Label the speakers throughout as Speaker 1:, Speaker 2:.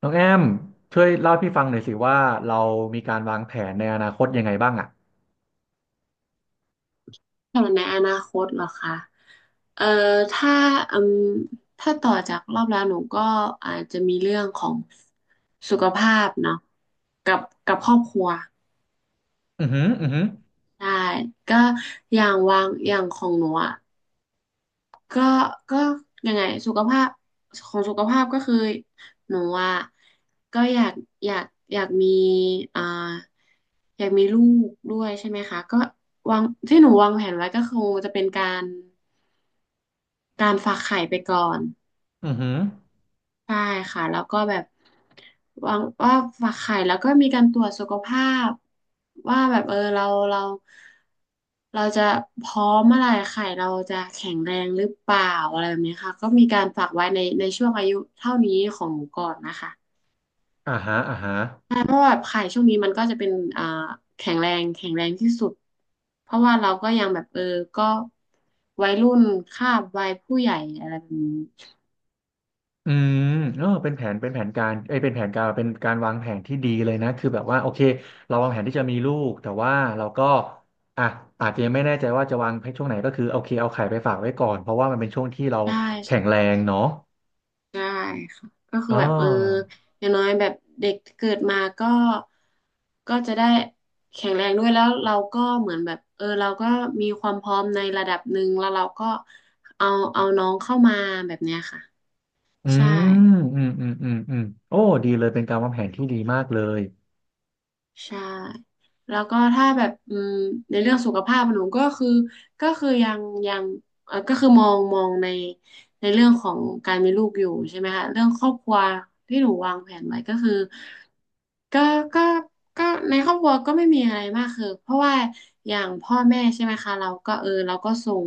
Speaker 1: น้องแอมช่วยเล่าให้พี่ฟังหน่อยสิว่าเรามีการวางแผนในอนาคตยังไงบ้างอ่ะ
Speaker 2: แผนในอนาคตเหรอคะเอ่อถ้าอืมถ้าต่อจากรอบแล้วหนูก็อาจจะมีเรื่องของสุขภาพเนาะกับครอบครัว
Speaker 1: อือหืออือหือ
Speaker 2: ได้ก็อย่างวางอย่างของหนูอ่ะก็ก็ยังไงสุขภาพของสุขภาพก็คือหนูอ่ะก็อยากอยากอยากมีอ่าอยากมีลูกด้วยใช่ไหมคะก็วางที่หนูวางแผนไว้ก็คงจะเป็นการ ฝากไข่ไปก่อน
Speaker 1: อือหือ
Speaker 2: ใช่ค่ะแล้วก็แบบวางว่าฝากไข่แล้วก็มีการตรวจสุขภาพว่าแบบเออเราเราเราจะพร้อมเมื่อไหร่ไข่เราจะแข็งแรงหรือเปล่าอะไรแบบนี้ค่ะก็มีการฝากไว้ในช่วงอายุเท่านี้ของหนูก่อนนะคะ
Speaker 1: อ่าฮะอ่าฮะ
Speaker 2: ใช่เพราะว่าแบบไข่ช่วงนี้มันก็จะเป็นอ่าแข็งแรงที่สุดเพราะว่าเราก็ยังแบบเออก็วัยรุ่นคาบวัยผู้ใหญ่อะไรแบบนี้
Speaker 1: อืมเออเป็นแผนเป็นแผนการเอ้ยเป็นแผนการเป็นการวางแผนที่ดีเลยนะคือแบบว่าโอเคเราวางแผนที่จะมีลูกแต่ว่าเราก็อ่ะอาจจะยังไม่แน่ใจว่าจะวางในช่วงไหนก็คือโอเคเอาไข่ไปฝากไว้ก่อนเพราะว่ามันเป็นช่วงที่เราแข็งแร
Speaker 2: ใช่
Speaker 1: งเนาะ
Speaker 2: ได้ค่ะก็คื
Speaker 1: อ๋
Speaker 2: อแบบเออ
Speaker 1: อ
Speaker 2: อย่างน้อยแบบเด็กเกิดมาก็จะได้แข็งแรงด้วยแล้วเราก็เหมือนแบบเออเราก็มีความพร้อมในระดับหนึ่งแล้วเราก็เอาน้องเข้ามาแบบเนี้ยค่ะ
Speaker 1: อื
Speaker 2: ใช่
Speaker 1: มอืมอืมอืมอืมโอ้ดีเลยเป็นการวางแผนที่ดีมากเลย
Speaker 2: ใช่แล้วก็ถ้าแบบในเรื่องสุขภาพหนูก็คือยังยังเออก็คือมองในเรื่องของการมีลูกอยู่ใช่ไหมคะเรื่องครอบครัวที่หนูวางแผนไว้ก็คือ ก็ก็ก็ในครอบครัวก็ไม่มีอะไรมากคือเพราะว่าอย่างพ่อแม่ใช่ไหมคะเราก็เออเราก็ส่ง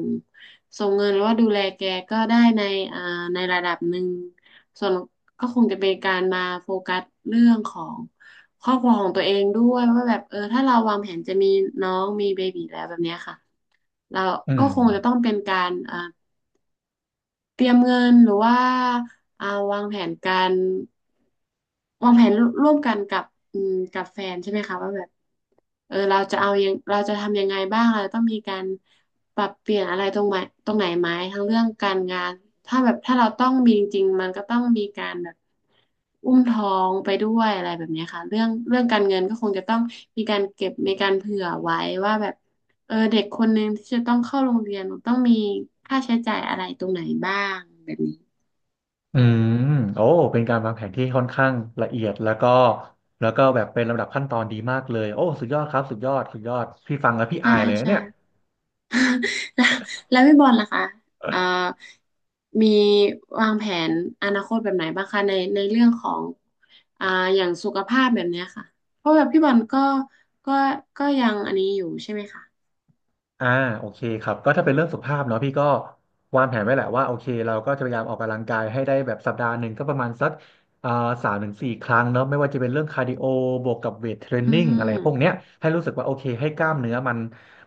Speaker 2: เงินหรือว่าดูแลแกก็ได้ในอ่าในระดับหนึ่งส่วนก็คงจะเป็นการมาโฟกัสเรื่องของครอบครัวของตัวเองด้วยว่าแบบเออถ้าเราวางแผนจะมีน้องมีเบบีแล้วแบบเนี้ยค่ะเรา
Speaker 1: อื
Speaker 2: ก็
Speaker 1: ม
Speaker 2: คงจะต้องเป็นการเตรียมเงินหรือว่าอ่าวางแผนการวางแผนร่วมกันกับกับแฟนใช่ไหมคะว่าแบบเออเราจะเอายังเราจะทำยังไงบ้างเราต้องมีการปรับเปลี่ยนอะไรตรงไหนไหมทั้งเรื่องการงานถ้าแบบถ้าเราต้องมีจริงๆมันก็ต้องมีการแบบอุ้มท้องไปด้วยอะไรแบบเนี้ยค่ะเรื่องการเงินก็คงจะต้องมีการเก็บมีการเผื่อไว้ว่าแบบ เออเด็กคนหนึ่งที่จะต้องเข้าโรงเรียนต้องมีค่าใช้จ่ายอะไรตรงไหนบ้างแบบนี้
Speaker 1: อืมโอ้เป็นการวางแผนที่ค่อนข้างละเอียดแล้วก็แล้วก็แบบเป็นลำดับขั้นตอนดีมากเลยโอ้สุดยอดครับสุดยอดสุดยอดพี่ฟังแล้วพี่
Speaker 2: ใช่
Speaker 1: อายเลยนะ
Speaker 2: ใช่
Speaker 1: เนี่ย
Speaker 2: แล้วพี่บอลล่ะคะเอ่อมีวางแผนอนาคตแบบไหนบ้างคะในเรื่องของอ่าอย่างสุขภาพแบบเนี้ยค่ะเพราะแบบพี่บอลก็ก็ยังอันนี้อยู่ใช่ไหมคะ
Speaker 1: อ่าโอเคครับก็ถ้าเป็นเรื่องสุขภาพเนาะพี่ก็วางแผนไว้แหละว่าโอเคเราก็จะพยายามออกกำลังกายให้ได้แบบสัปดาห์หนึ่งก็ประมาณสักอ่าสามถึงสี่ครั้งเนาะไม่ว่าจะเป็นเรื่องคาร์ดิโอบวกกับเวทเทรน
Speaker 2: อื
Speaker 1: นิ่งอะไรพวกเนี้
Speaker 2: ม
Speaker 1: ยให้รู้สึกว่าโอเคให้กล้ามเนื้อมัน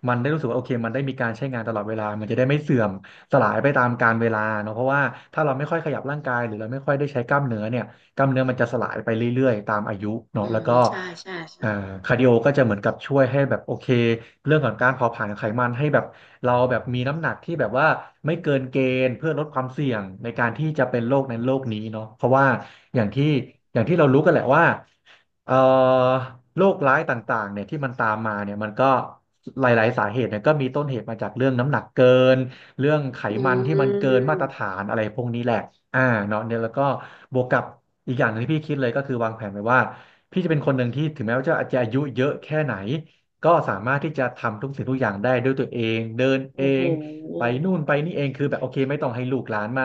Speaker 1: มันได้รู้สึกว่าโอเคมันได้มีการใช้งานตลอดเวลามันจะได้ไม่เสื่อมสลายไปตามกาลเวลาเนาะเพราะว่าถ้าเราไม่ค่อยขยับร่างกายหรือเราไม่ค่อยได้ใช้กล้ามเนื้อเนี่ยกล้ามเนื้อมันจะสลายไปเรื่อยๆตามอายุเนาะ
Speaker 2: อื
Speaker 1: แล้ว
Speaker 2: ม
Speaker 1: ก็
Speaker 2: ใช่ใช่ใช่
Speaker 1: อ่าคาร์ดิโอก็จะเหมือนกับช่วยให้แบบโอเคเรื่องของการเผาผลาญไขมันให้แบบเราแบบมีน้ำหนักที่แบบว่าไม่เกินเกณฑ์เพื่อลดความเสี่ยงในการที่จะเป็นโรคนั้นโรคนี้เนาะเพราะว่าอย่างที่อย่างที่เรารู้กันแหละว่าเอ่อโรคร้ายต่างๆเนี่ยที่มันตามมาเนี่ยมันก็หลายๆสาเหตุเนี่ยก็มีต้นเหตุมาจากเรื่องน้ำหนักเกินเรื่องไข
Speaker 2: อื
Speaker 1: มันที่มันเกินมาตรฐา
Speaker 2: ม
Speaker 1: นอะไรพวกนี้แหละอ่าเนาะเนี่ยแล้วก็บวกกับอีกอย่างหนึงที่พี่คิดเลยก็คือวางแผนไว้ว่า พี่จะเป็นคนหนึ่งที่ถึงแม้ว่าจะอาจจะอายุเยอะแค่ไหนก็สามารถที่จะทำทุกสิ่งทุกอย่างได้ด้วยตัวเองเดินเอ
Speaker 2: โอ้โห
Speaker 1: งไปนู่นไปนี่เองคือแบบโอเคไม่ต้องให้ลูกหลานมา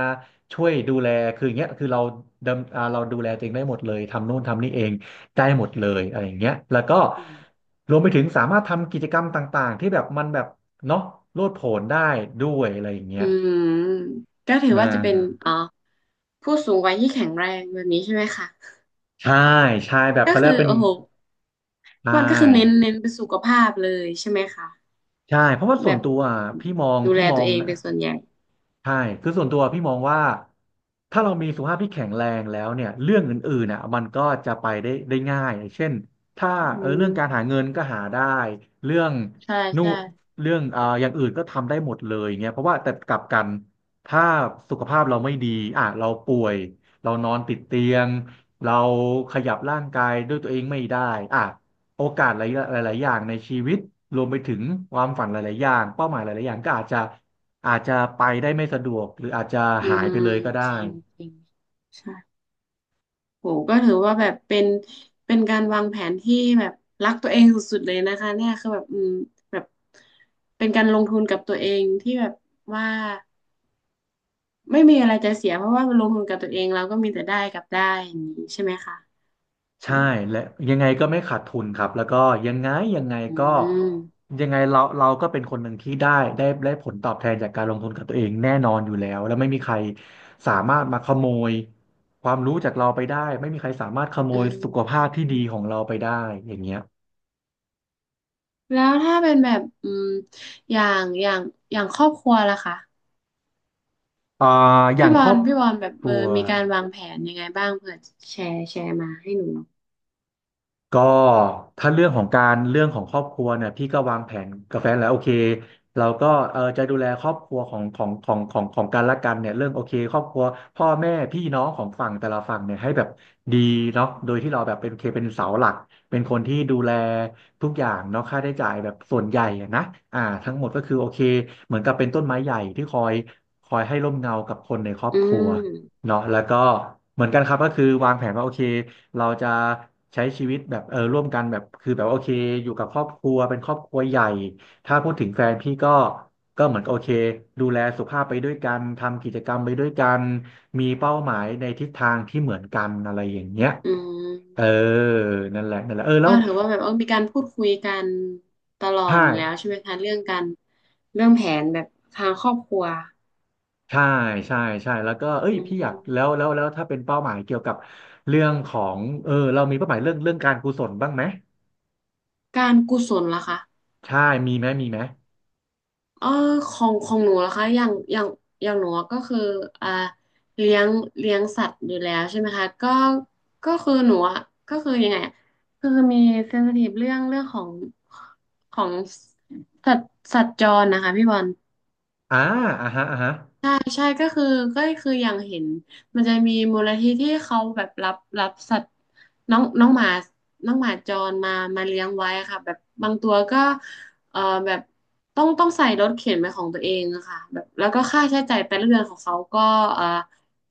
Speaker 1: ช่วยดูแลคืออย่างเงี้ยคือเราดำอ่าเราดูแลตัวเองได้หมดเลยทำนู่นทำนี่เองได้หมดเลยอะไรอย่างเงี้ยแล้วก็รวมไปถึงสามารถทำกิจกรรมต่างๆที่แบบมันแบบเนาะโลดโผนได้ด้วยอะไรอย่างเงี้
Speaker 2: อื
Speaker 1: ย
Speaker 2: มก็ถือ
Speaker 1: อ่
Speaker 2: ว่าจะเป็น
Speaker 1: า
Speaker 2: อ๋อ ผู้สูงวัยที่แข็งแรงแบบนี้ใช่ไหมคะ
Speaker 1: ใช่ใช่แบบ
Speaker 2: ก็
Speaker 1: เขาเรีย
Speaker 2: คื
Speaker 1: ก
Speaker 2: อ
Speaker 1: ว่าเป็น
Speaker 2: โอ้โห
Speaker 1: ใช
Speaker 2: มันก็คือเน้น
Speaker 1: ่
Speaker 2: เป็นสุขภาพเลยใช่ไหมคะ
Speaker 1: ใช่เพราะว่าส่วน
Speaker 2: แบบ
Speaker 1: ตัวอ่ะพี่มอง
Speaker 2: ดูแล
Speaker 1: พี่มอ
Speaker 2: ตัว
Speaker 1: ง
Speaker 2: เอง
Speaker 1: นะ
Speaker 2: เป็นส่วนใหญ่
Speaker 1: ใช่คือส่วนตัวพี่มองว่าถ้าเรามีสุขภาพที่แข็งแรงแล้วเนี่ยเรื่องอื่นๆน่ะมันก็จะไปได้ได้ง่ายเช่นถ้า
Speaker 2: อื
Speaker 1: เออ
Speaker 2: ม
Speaker 1: เรื่องการหาเงินก็หาได้เรื่อง
Speaker 2: ใช่
Speaker 1: นู่น
Speaker 2: ใช่
Speaker 1: เรื่องอย่างอื่นก็ทำได้หมดเลยเงี้ยเพราะว่าแต่กลับกันถ้าสุขภาพเราไม่ดีอ่ะเราป่วยเรานอนติดเตียงเราขยับร่างกายด้วยตัวเองไม่ได้อ่ะโอกาสหลายหลายๆอย่างในชีวิตรวมไปถึงความฝันหลายๆอย่างเป้าหมายหลายๆอย่างก็อาจจะ อาจจะไปได้ไม่สะดวกหรืออาจจะ
Speaker 2: อื
Speaker 1: หาย
Speaker 2: ม
Speaker 1: ไปเลยก็
Speaker 2: จ
Speaker 1: ได้
Speaker 2: ริงจริงใช่โหก็ถือว่าแบบเป็นการวางแผนที่แบบรักตัวเองสุดๆเลยนะคะเนี่ยคือแบบแบบเป็นการลงทุนกับตัวเองที่แบบว่าไม่มีอะไรจะเสียเพราะว่าลงทุนกับตัวเองเราก็มีแต่ได้กับได้อย่างนี้ใช่ไหมคะ
Speaker 1: ใช่และยังไงก็ไม่ขาดทุนครับแล้วก็ยังไงยังไง
Speaker 2: อื
Speaker 1: ก็
Speaker 2: ม
Speaker 1: ยังไงเราก็เป็นคนหนึ่งที่ได้ได้ผลตอบแทนจากการลงทุนกับตัวเองแน่นอนอยู่แล้วแล้วไม่มีใครสามารถมาขโมยความรู้จากเราไปได้ไม่มีใครสามารถขโม
Speaker 2: อื
Speaker 1: ยสุขภาพที่
Speaker 2: ม
Speaker 1: ดีของเราไปได้อย่างเงี้ย
Speaker 2: แล้วถ้าเป็นแบบอย่างอย่างครอบครัวล่ะคะ
Speaker 1: อ่าอย่า
Speaker 2: พี่
Speaker 1: ง
Speaker 2: บ
Speaker 1: ค
Speaker 2: อ
Speaker 1: รอ
Speaker 2: ล
Speaker 1: บ
Speaker 2: แบบ
Speaker 1: ค
Speaker 2: เอ
Speaker 1: รั
Speaker 2: อ
Speaker 1: ว
Speaker 2: มีการวางแผนยังไงบ้างเผื่อแชร์มาให้หนูหน่อย
Speaker 1: ก็ถ้าเรื่องของการเรื่องของครอบครัวเนี่ยพี่ก็วางแผนกับแฟนแล้วโอเคเราก็เออจะดูแลครอบครัวของกันและกันเนี่ยเรื่องโอเคครอบครัวพ่อแม่พี่น้องของฝั่งแต่ละฝั่งเนี่ยให้แบบดีเนาะโดยที่เราแบบเป็นโอเคเป็นเสาหลักเป็นคนที่ดูแลทุกอย่างเนาะค่าใช้จ่ายแบบส่วนใหญ่อะนะอ่าทั้งหมดก็คือโอเคเหมือนกับเป็นต้นไม้ใหญ่ที่คอยให้ร่มเงากับคนในครอบ
Speaker 2: อื
Speaker 1: ครัว
Speaker 2: ม
Speaker 1: เนาะแล้วก็เหมือนกันครับก็คือวางแผนว่าโอเคเราจะใช้ชีวิตแบบร่วมกันแบบคือแบบว่าโอเคอยู่กับครอบครัวเป็นครอบครัวใหญ่ถ้าพูดถึงแฟนพี่ก็เหมือนกับโอเคดูแลสุขภาพไปด้วยกันทำกิจกรรมไปด้วยกันมีเป้าหมายในทิศทางที่เหมือนกันอะไรอย่างเงี้ย
Speaker 2: อื
Speaker 1: เออ
Speaker 2: ม
Speaker 1: นั่นแหละนั่นแหละเออ
Speaker 2: ก็
Speaker 1: แล้ว
Speaker 2: ถือว่าแบบเออมีการพูดคุยกันตลอ
Speaker 1: ใช่
Speaker 2: ดอยู่แล้วใช่ไหมคะเรื่องการเรื่องแผนแบบทางครอบครัว
Speaker 1: ใช่ใช่ใช่แล้วก็เอ้ย
Speaker 2: อื
Speaker 1: พี่อยากแล้
Speaker 2: ม
Speaker 1: วแล้วแล้วถ้าเป็นเป้าหมายเกี่ยวกับเรื่องของเรามีเป้าหมายเรื่องการกุศลบ้างไหม
Speaker 2: การกุศลล่ะคะ
Speaker 1: ใช่มีไหมมีไหม
Speaker 2: เออของของหนูนะคะอย่างอย่างหนูก็คืออ่าเลี้ยงสัตว์อยู่แล้วใช่ไหมคะก็ก็คือหนูอะก็คือยังไงอะคือมีเซนซิทีฟเรื่องของของสัตว์จรนะคะพี่บอล
Speaker 1: อ่าอ่าฮะอ่าฮะ
Speaker 2: ใช่ใช่ก็คืออย่างเห็นมันจะมีมูลนิธิที่เขาแบบรับสัตว์น้องน้องหมาจรมาเลี้ยงไว้อะค่ะแบบบางตัวก็เอ่อแบบต้องใส่รถเข็นเป็นของตัวเองอะค่ะแบบแล้วก็ค่าใช้จ่ายแต่ละเดือนของเขาก็เอ่อ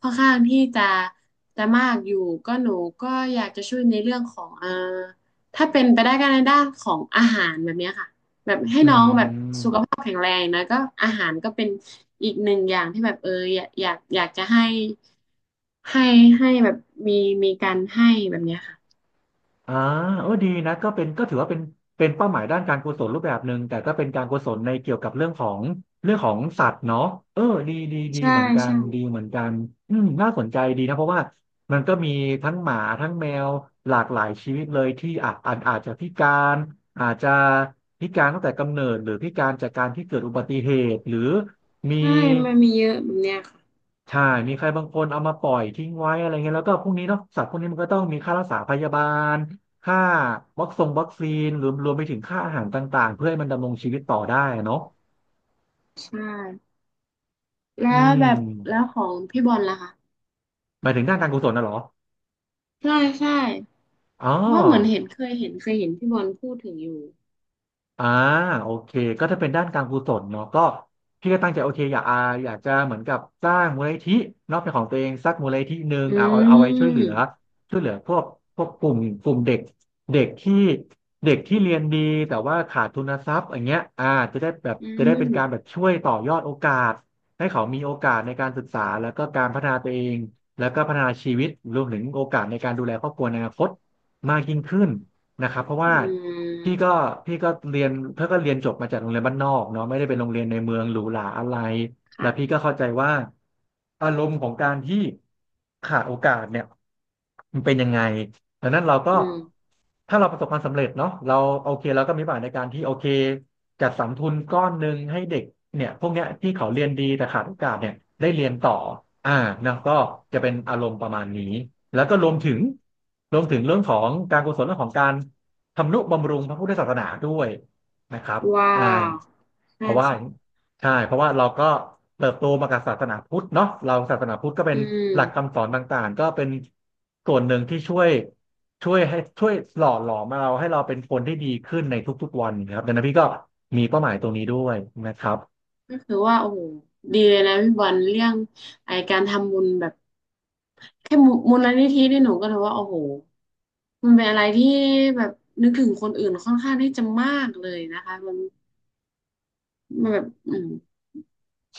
Speaker 2: ค่อนข้างที่จะมากอยู่ก็หนูก็อยากจะช่วยในเรื่องของถ้าเป็นไปได้ก็ในด้านของอาหารแบบเนี้ยค่ะ แบบให้
Speaker 1: อื
Speaker 2: น้องแบบสุ
Speaker 1: ม
Speaker 2: ขภาพแข็งแรงนะก็อาหารก็เป็นอีกหนึ่งอย่างที่แบบเอออยากจะให้ให้ให้แบบมีการให้แบบเนี้ยค่ะ
Speaker 1: อ่าเออดีนะก็เป็นก็ถือว่าเป็นเป็นเป้าหมายด้านการกุศลรูปแบบหนึ่งแต่ก็เป็นการกุศลในเกี่ยวกับเรื่องของเรื่องของสัตว์เนาะเออดีดีดี
Speaker 2: ใช่
Speaker 1: เหมือนกัน
Speaker 2: ใช่
Speaker 1: ดีเหมือนกันอืมน่าสนใจดีนะเพราะว่ามันก็มีทั้งหมาทั้งแมวหลากหลายชีวิตเลยที่อาจจะพิการอาจจะพิการตั้งแต่กำเนิดหรือพิการจากการที่เกิดอุบัติเหตุหรือมี
Speaker 2: ใช่มันมีเยอะแบบเนี้ยค่ะ
Speaker 1: ใช่มีใครบางคนเอามาปล่อยทิ้งไว้อะไรเงี้ยแล้วก็พวกนี้เนาะสัตว์พวกนี้มันก็ต้องมีค่ารักษาพยาบาลค่าวัคซีนรวมไปถึงค่าอาหารต่างๆเพื่อให้มันดำรงชีวิตต่อได้อะเนาะ
Speaker 2: ใช่แล้
Speaker 1: อื
Speaker 2: ว
Speaker 1: ม
Speaker 2: แบบแล้วของพี่บอลล่ะคะ
Speaker 1: หมายถึงด้านการกุศลนะเหรอ
Speaker 2: ใช่ใช่
Speaker 1: อ๋อ
Speaker 2: เพราะเหมือนเห็นเคยเห็นพี่บอลพูดถึงอยู่
Speaker 1: อ่าโอเคก็ถ้าเป็นด้านการกุศลเนาะก็พี่ก็ตั้งใจโอเคอยากอยากจะเหมือนกับสร้างมูลนิธิเป็นของตัวเองสักมูลนิธิหนึ่ง
Speaker 2: อื
Speaker 1: เอาไว้ช่วยเหลื
Speaker 2: ม
Speaker 1: อช่วยเหลือพวกกลุ่มเด็กเด็กที่เด็กที่เรียนดีแต่ว่าขาดทุนทรัพย์อย่างเงี้ยอ่าจะได้แบบ
Speaker 2: อื
Speaker 1: จะได้เป็นการแบ
Speaker 2: ม
Speaker 1: บช่วยต่อยอดโอกาสให้เขามีโอกาสในการศึกษาแล้วก็การพัฒนาตัวเองแล้วก็พัฒนาชีวิตรวมถึงโอกาสในการดูแลครอบครัวในอนาคตมากยิ่งขึ้น นะครับเพราะ
Speaker 2: อื
Speaker 1: ว่าพี่ก็
Speaker 2: ม
Speaker 1: พี่ก็เรียนเพื่อก็เรียนจบมาจากโรงเรียนบ้านนอกเนาะไม่ได้เป็นโรงเรียนในเมืองหรูหราอะไรแล้วพี่
Speaker 2: ค่ะ
Speaker 1: ก็เข้าใจว่าอารมณ์ของการที่ขาดโอกาสเนี่ยมันเป็นยังไง ดังนั้นเราก็
Speaker 2: อืม
Speaker 1: ถ้าเราประสบความสำเร็จเนาะเราโอเคเราก็มีบาทในการที่โอเคจัดสรรทุนก้อนหนึ่งให้เด็กเนี่ยพวกเนี้ยที่เขาเรียนดีแต่ขาดโอกาสเนี่ยได้เรียนต่ออ่านะก็จะเป็นอารมณ์ประมาณนี้แล้วก็รวมถึงเรื่องของการกุศลเรื่องของการทำนุบำรุงพระพุทธศาสนาด้วยนะครับ
Speaker 2: ว้า
Speaker 1: อ่า
Speaker 2: ว
Speaker 1: เพ
Speaker 2: ใช่
Speaker 1: ราะว่า
Speaker 2: ใช่
Speaker 1: ใช่เพราะว่าเราก็เติบโตมากับศาสนาพุทธเนาะเราศาสนาพุทธก็เป็
Speaker 2: อื
Speaker 1: นหลัก
Speaker 2: ม
Speaker 1: คำสอนต่างๆก็เป็นส่วนหนึ่งที่ช่วย ช่วยให้ช่วยหล่อหลอมเราให้เราเป็นคนที่ดีขึ้นในทุกๆวันนะครับดังนั้นพี่ก็มีเป้าหมายตรงนี้ด้วยนะครับ
Speaker 2: ก็คือว่าโอ้โหดีเลยนะพี่บอลเรื่องไอการทำบุญแบบแค่มูมูลนิธินี่หนูก็ถือว่าโอ้โหมันเป็นอะไรที่แบบนึกถึงคนอื่นค่อนข้างที่จะมากเลยนะคะมันแบบ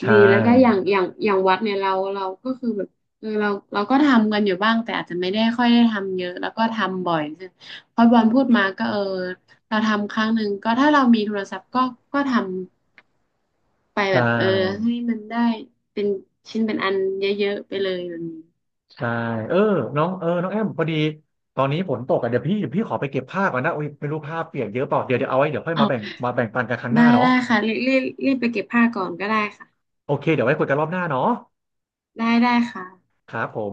Speaker 1: ใช่
Speaker 2: ดีแล้วก็อย่างอย่างวัดเนี่ยเราก็คือแบบเออเราก็ทำกันอยู่บ้างแต่อาจจะไม่ได้ค่อยได้ทำเยอะแล้วก็ทำบ่อยใช่พอบอลพูดมาก็เออเราทำครั้งหนึ่งก็ถ้าเรามีโทรศัพท์ก็ทำ ไป
Speaker 1: ใช
Speaker 2: แบบเออ
Speaker 1: ่
Speaker 2: ให้มันได้เป็นชิ้นเป็นอันเยอะๆไปเลยแบบนี้
Speaker 1: ใช่เออน้องน้องแอมพอดีตอนนี้ฝนตกอ่ะเดี๋ยวพี่ขอไปเก็บผ้าก่อนนะโอ้ยไม่รู้ผ้าเปียกเยอะเปล่าเดี๋ยวเอาไว้เดี๋ยวค่อย
Speaker 2: อ๋อ
Speaker 1: มาแบ่งมาแบ่งปันกันครั้งห
Speaker 2: ได้
Speaker 1: น้าเนาะ
Speaker 2: ได้ค่ะรีบรีบไปเก็บผ้าก่อนก็ได้ค่ะ
Speaker 1: โอเคเดี๋ยวไว้คุยกันรอบหน้าเนาะ
Speaker 2: ได้ได้ค่ะ
Speaker 1: ครับผม